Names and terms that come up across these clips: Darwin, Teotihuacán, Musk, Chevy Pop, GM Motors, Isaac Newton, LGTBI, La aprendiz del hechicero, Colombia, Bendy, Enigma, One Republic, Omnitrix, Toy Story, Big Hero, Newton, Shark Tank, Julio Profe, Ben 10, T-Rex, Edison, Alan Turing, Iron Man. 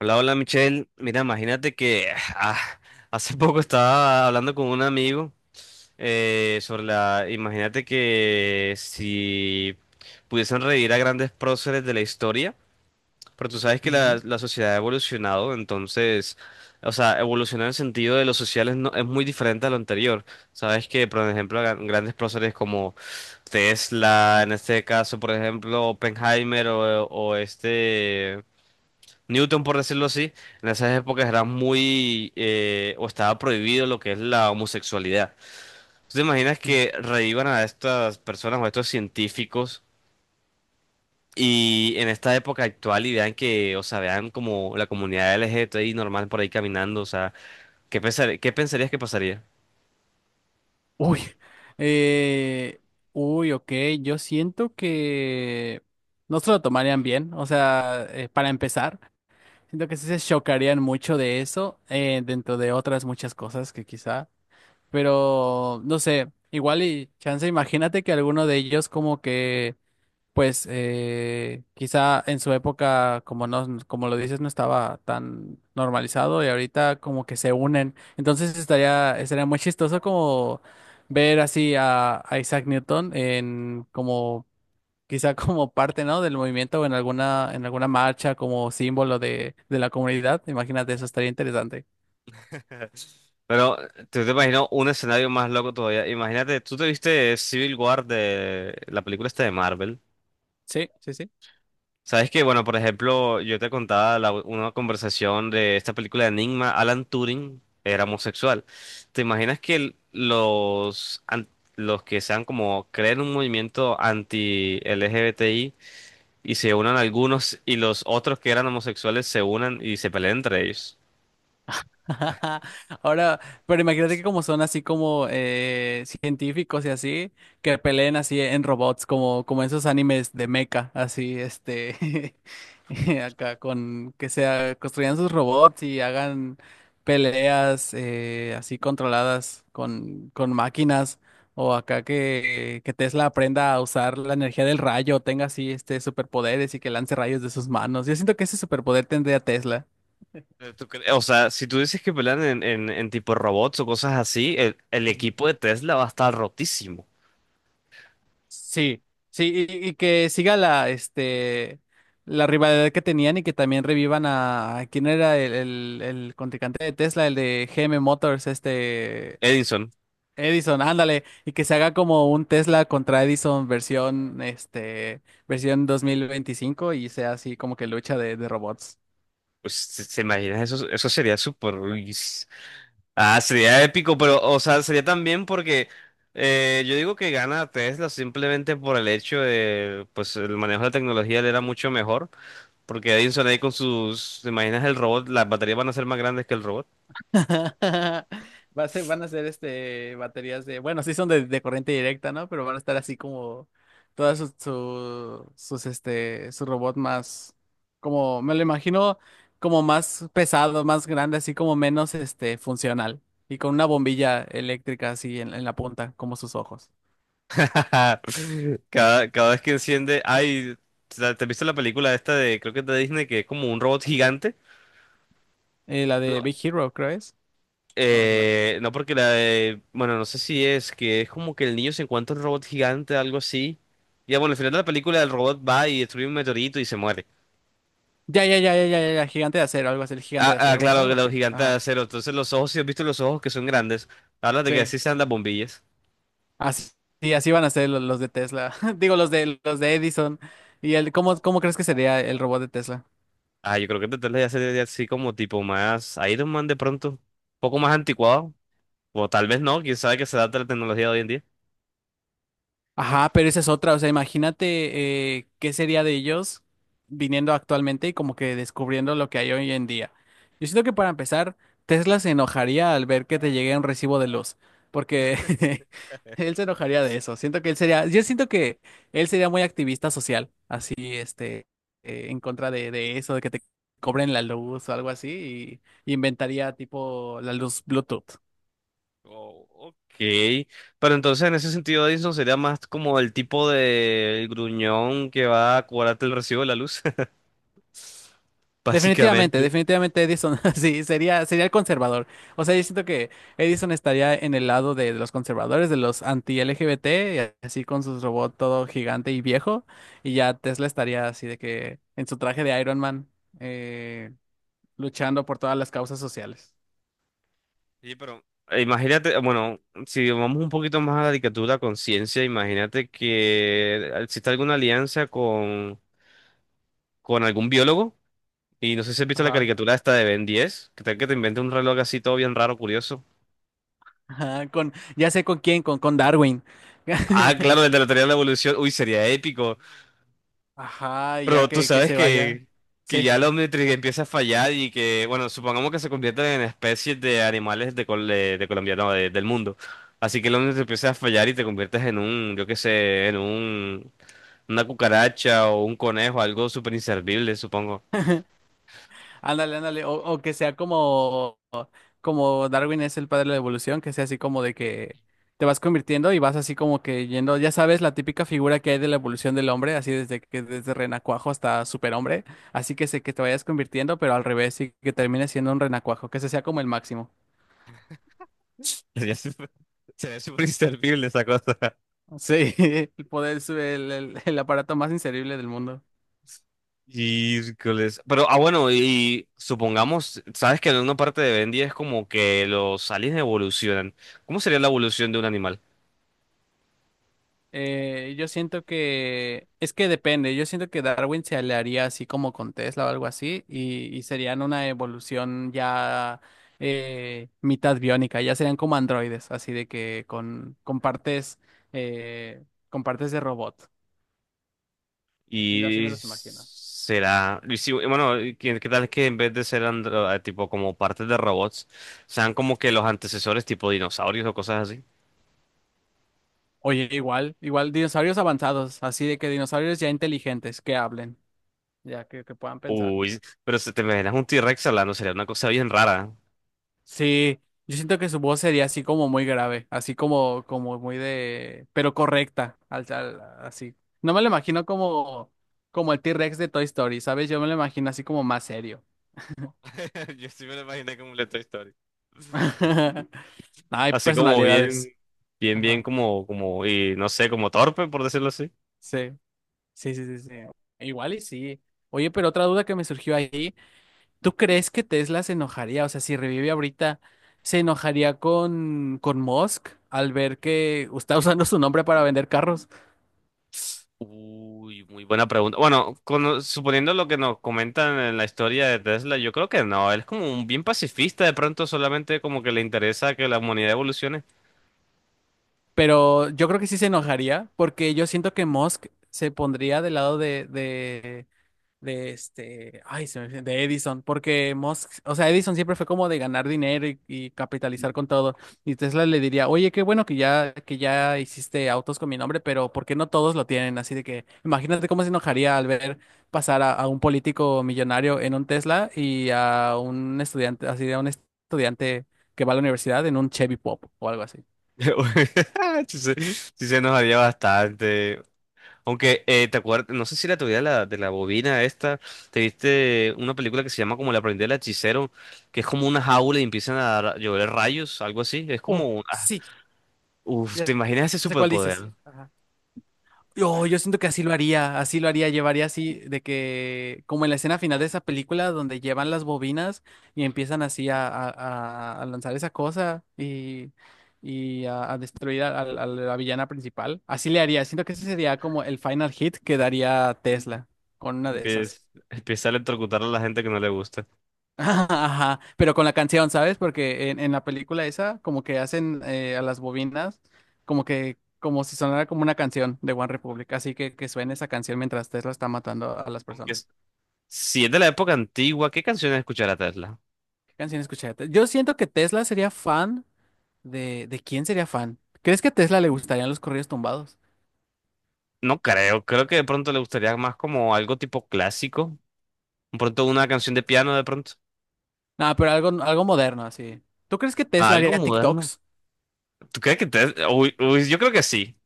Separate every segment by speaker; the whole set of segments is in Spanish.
Speaker 1: Hola, hola Michelle. Mira, imagínate que ah, hace poco estaba hablando con un amigo sobre la... Imagínate que si pudiesen revivir a grandes próceres de la historia, pero tú sabes que
Speaker 2: Ujú,
Speaker 1: la sociedad ha evolucionado, entonces, o sea, evolucionar en el sentido de los sociales no, es muy diferente a lo anterior. Sabes que, por ejemplo, grandes próceres como Tesla, en este caso, por ejemplo, Oppenheimer o este... Newton, por decirlo así, en esas épocas era muy, o estaba prohibido lo que es la homosexualidad. ¿Tú te imaginas
Speaker 2: ujú.
Speaker 1: que revivan a estas personas o a estos científicos y en esta época actual y vean que, o sea, vean como la comunidad LGTBI normal por ahí caminando, o sea, qué pensarías que pasaría?
Speaker 2: Uy, eh, ok, yo siento que no se lo tomarían bien. O sea, para empezar, siento que sí se chocarían mucho de eso, dentro de otras muchas cosas que quizá, pero no sé, igual y chance, imagínate que alguno de ellos como que quizá en su época, como no, como lo dices, no estaba tan normalizado y ahorita como que se unen. Entonces estaría muy chistoso como ver así a Isaac Newton en como quizá como parte, ¿no?, del movimiento o en alguna marcha como símbolo de la comunidad. Imagínate, eso estaría interesante.
Speaker 1: Pero tú te imaginas un escenario más loco todavía. Imagínate, tú te viste Civil War, de la película esta de Marvel.
Speaker 2: Sí, sí, sí.
Speaker 1: Sabes que, bueno, por ejemplo, yo te contaba una conversación de esta película de Enigma, Alan Turing era homosexual. ¿Te imaginas que los que sean como creen un movimiento anti-LGBTI y se unan algunos y los otros que eran homosexuales se unan y se peleen entre ellos?
Speaker 2: Ahora, pero imagínate que como son así como científicos y así, que peleen así en robots, como, como esos animes de mecha, así, este, acá con que sea, construyan sus robots y hagan peleas así controladas con máquinas, o acá que Tesla aprenda a usar la energía del rayo, tenga así este superpoderes y que lance rayos de sus manos. Yo siento que ese superpoder tendría Tesla.
Speaker 1: O sea, si tú dices que pelean en tipo robots o cosas así, el equipo de Tesla va a estar rotísimo.
Speaker 2: Sí, sí, y que siga la, la rivalidad que tenían y que también revivan a quién era el contrincante de Tesla, el de GM Motors, este,
Speaker 1: Edison,
Speaker 2: Edison, ándale, y que se haga como un Tesla contra Edison versión, versión 2025 y sea así como que lucha de robots.
Speaker 1: pues, se imaginas? Eso sería súper... Ah, sería épico, pero, o sea, sería también porque yo digo que gana Tesla simplemente por el hecho de, pues, el manejo de la tecnología le era mucho mejor, porque Edison ahí con sus, ¿te imaginas el robot? Las baterías van a ser más grandes que el robot.
Speaker 2: Va a ser, van a ser este baterías de, bueno, sí son de corriente directa, ¿no? Pero van a estar así como todas sus, su- sus este, su robot más, como, me lo imagino como más pesado, más grande, así como menos este funcional. Y con una bombilla eléctrica así en la punta, como sus ojos.
Speaker 1: Cada, cada vez que enciende, ay, ¿te has visto la película esta de, creo que es de Disney, que es como un robot gigante?
Speaker 2: La de Big Hero, creo es. No, esa no es.
Speaker 1: No porque bueno, no sé si es que es como que el niño se encuentra un robot gigante, algo así. Y bueno, al final de la película el robot va y destruye un meteorito y se muere.
Speaker 2: Ya, ya, ya, ya, ya, ya, ya, gigante de acero, algo así, el gigante
Speaker 1: Ah,
Speaker 2: de
Speaker 1: ah,
Speaker 2: acero,
Speaker 1: claro,
Speaker 2: algo
Speaker 1: que los
Speaker 2: así.
Speaker 1: gigantes de
Speaker 2: Ajá.
Speaker 1: acero. Entonces los ojos, si has visto los ojos que son grandes, hablas de que
Speaker 2: Sí.
Speaker 1: así se andan bombillas.
Speaker 2: Así, sí, así van a ser lo- los de Tesla. Digo, los de Edison. ¿Y el cómo, cómo crees que sería el robot de Tesla?
Speaker 1: Ah, yo creo que tratar de hacer así como tipo más Iron Man, de pronto. Un poco más anticuado. O tal vez no, quién sabe, que se adapta a la tecnología de hoy en día.
Speaker 2: Ajá, pero esa es otra. O sea, imagínate, qué sería de ellos viniendo actualmente y como que descubriendo lo que hay hoy en día. Yo siento que para empezar, Tesla se enojaría al ver que te llegue un recibo de luz, porque él se enojaría de eso. Siento que él sería, yo siento que él sería muy activista social, así, este, en contra de eso, de que te cobren la luz o algo así, y inventaría tipo la luz Bluetooth.
Speaker 1: Oh, ok. Pero entonces en ese sentido Edison sería más como el tipo de gruñón que va a cobrarte el recibo de la luz,
Speaker 2: Definitivamente,
Speaker 1: básicamente.
Speaker 2: definitivamente Edison, sí, sería, sería el conservador. O sea, yo siento que Edison estaría en el lado de los conservadores, de los anti-LGBT, y así con su robot todo gigante y viejo, y ya Tesla estaría así de que en su traje de Iron Man, eh, luchando por todas las causas sociales.
Speaker 1: Sí, pero imagínate, bueno, si vamos un poquito más a la caricatura a conciencia, imagínate que existe alguna alianza con algún biólogo. Y no sé si has visto la
Speaker 2: Ajá.
Speaker 1: caricatura esta de Ben 10, que tal que te invente un reloj así todo bien raro, curioso.
Speaker 2: Ajá, con, ya sé con quién, con Darwin.
Speaker 1: Ah, claro, el de la teoría de la evolución. Uy, sería épico.
Speaker 2: Ajá, y ya
Speaker 1: Pero tú
Speaker 2: que
Speaker 1: sabes
Speaker 2: se vaya.
Speaker 1: que
Speaker 2: Sí.
Speaker 1: ya la Omnitrix empieza a fallar y que, bueno, supongamos que se convierten en especies de animales de, de Colombia, no, del mundo. Así que la Omnitrix empieza a fallar y te conviertes en un, yo qué sé, en un, una cucaracha o un conejo, algo súper inservible, supongo.
Speaker 2: Ándale, ándale, o que sea como, como Darwin es el padre de la evolución, que sea así como de que te vas convirtiendo y vas así como que yendo, ya sabes, la típica figura que hay de la evolución del hombre, así desde que desde renacuajo hasta superhombre, así que sé que te vayas convirtiendo, pero al revés y que termines siendo un renacuajo, que ese sea como el máximo.
Speaker 1: Sería súper sería súper inservible esa cosa.
Speaker 2: Sí, el poder, su- el aparato más inserible del mundo.
Speaker 1: Y, pero, bueno, y supongamos, sabes que en una parte de Bendy es como que los aliens evolucionan. ¿Cómo sería la evolución de un animal?
Speaker 2: Yo siento que es que depende, yo siento que Darwin se aliaría así como con Tesla o algo así y serían una evolución ya mitad biónica, ya serían como androides, así de que eh, con partes de robot. Sí, así me
Speaker 1: Y
Speaker 2: los imagino.
Speaker 1: será, y si- bueno, y ¿qué, qué tal que en vez de ser tipo como partes de robots, sean como que los antecesores tipo dinosaurios o cosas así?
Speaker 2: Oye, igual, igual dinosaurios avanzados, así de que dinosaurios ya inteligentes que hablen, ya que puedan pensar.
Speaker 1: Uy, pero si te imaginas un T-Rex hablando, sería una cosa bien rara.
Speaker 2: Sí, yo siento que su voz sería así como muy grave, así como, como muy de, pero correcta, al, al- así. No me lo imagino como, como el T-Rex de Toy Story, ¿sabes? Yo me lo imagino así como más serio.
Speaker 1: Yo sí me lo imaginé como una Toy Story.
Speaker 2: No, hay
Speaker 1: Así como bien,
Speaker 2: personalidades.
Speaker 1: bien, bien
Speaker 2: Ajá.
Speaker 1: como, como, y no sé, como torpe, por decirlo así.
Speaker 2: Sí, sí, sí, sí, sí. Igual y sí. Oye, pero otra duda que me surgió ahí, ¿tú crees que Tesla se enojaría? O sea, si revive ahorita, ¿se enojaría con Musk al ver que está usando su nombre para vender carros?
Speaker 1: Uy, muy buena pregunta. Bueno, suponiendo lo que nos comentan en la historia de Tesla, yo creo que no. Él es como un bien pacifista, de pronto solamente como que le interesa que la humanidad evolucione.
Speaker 2: Pero yo creo que sí se enojaría, porque yo siento que Musk se pondría del lado de este, ay, se me fue- de Edison, porque Musk, o sea, Edison siempre fue como de ganar dinero y capitalizar con todo. Y Tesla le diría, oye, qué bueno que ya hiciste autos con mi nombre, pero ¿por qué no todos lo tienen? Así de que imagínate cómo se enojaría al ver pasar a un político millonario en un Tesla y a un estudiante, así de un estudiante que va a la universidad en un Chevy Pop o algo así.
Speaker 1: Sí, se sí se enojaría bastante. Aunque, ¿te acuerdas? No sé si la teoría de de la bobina esta, te viste una película que se llama como La aprendiz del hechicero, que es como una jaula y empiezan a llover rayos, algo así. Es como
Speaker 2: Oh,
Speaker 1: una...
Speaker 2: sí.
Speaker 1: Uf, ¿te imaginas ese
Speaker 2: No sé cuál dices.
Speaker 1: superpoder?
Speaker 2: Ajá. Yo siento que así lo haría, llevaría así, de que, como en la escena final de esa película, donde llevan las bobinas y empiezan así a lanzar esa cosa y a- destruir a la villana principal. Así le haría, siento que ese sería como el final hit que daría Tesla con una de
Speaker 1: Empieza,
Speaker 2: esas.
Speaker 1: empieza a electrocutar a la gente que no le gusta.
Speaker 2: Ajá, ajá, pero con la canción, ¿sabes? Porque en la película esa, como que hacen a las bobinas, como que, como si sonara como una canción de One Republic, así que suene esa canción mientras Tesla está matando a las
Speaker 1: Aunque
Speaker 2: personas.
Speaker 1: es- si es de la época antigua, ¿qué canciones escuchará Tesla?
Speaker 2: ¿Qué canción escuché? Yo siento que Tesla sería fan ¿de quién sería fan? ¿Crees que a Tesla le gustarían los corridos tumbados?
Speaker 1: No creo, creo que de pronto le gustaría más como algo tipo clásico, de pronto una canción de piano de pronto.
Speaker 2: No, pero algo, algo moderno, así. ¿Tú crees que
Speaker 1: Ah,
Speaker 2: Tesla
Speaker 1: algo
Speaker 2: haría
Speaker 1: moderno.
Speaker 2: TikToks?
Speaker 1: ¿Tú crees que Tesla? Uy, uy, yo creo que sí,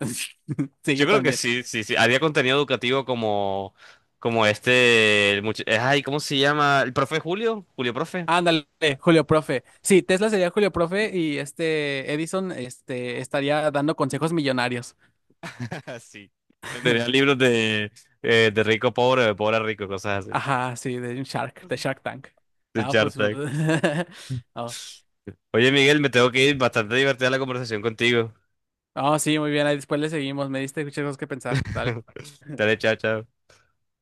Speaker 2: Sí,
Speaker 1: yo
Speaker 2: yo
Speaker 1: creo que
Speaker 2: también.
Speaker 1: sí, sí, sí, haría contenido educativo como, como este, ay, ¿cómo se llama? ¿El profe Julio? Julio Profe.
Speaker 2: Ándale, Julio Profe. Sí, Tesla sería Julio Profe y este Edison este, estaría dando consejos millonarios.
Speaker 1: Sí, vendería libros de rico a pobre, de pobre a rico, cosas así.
Speaker 2: Ajá, sí, de un Shark, de Shark Tank.
Speaker 1: De
Speaker 2: Ah,
Speaker 1: Shark
Speaker 2: pues.
Speaker 1: Tank.
Speaker 2: Oh.
Speaker 1: Oye, Miguel, me tengo que ir, bastante divertida la conversación contigo.
Speaker 2: Oh, sí, muy bien. Ahí después le seguimos. Me diste muchas cosas que pensar. Dale.
Speaker 1: Dale, chao, chao.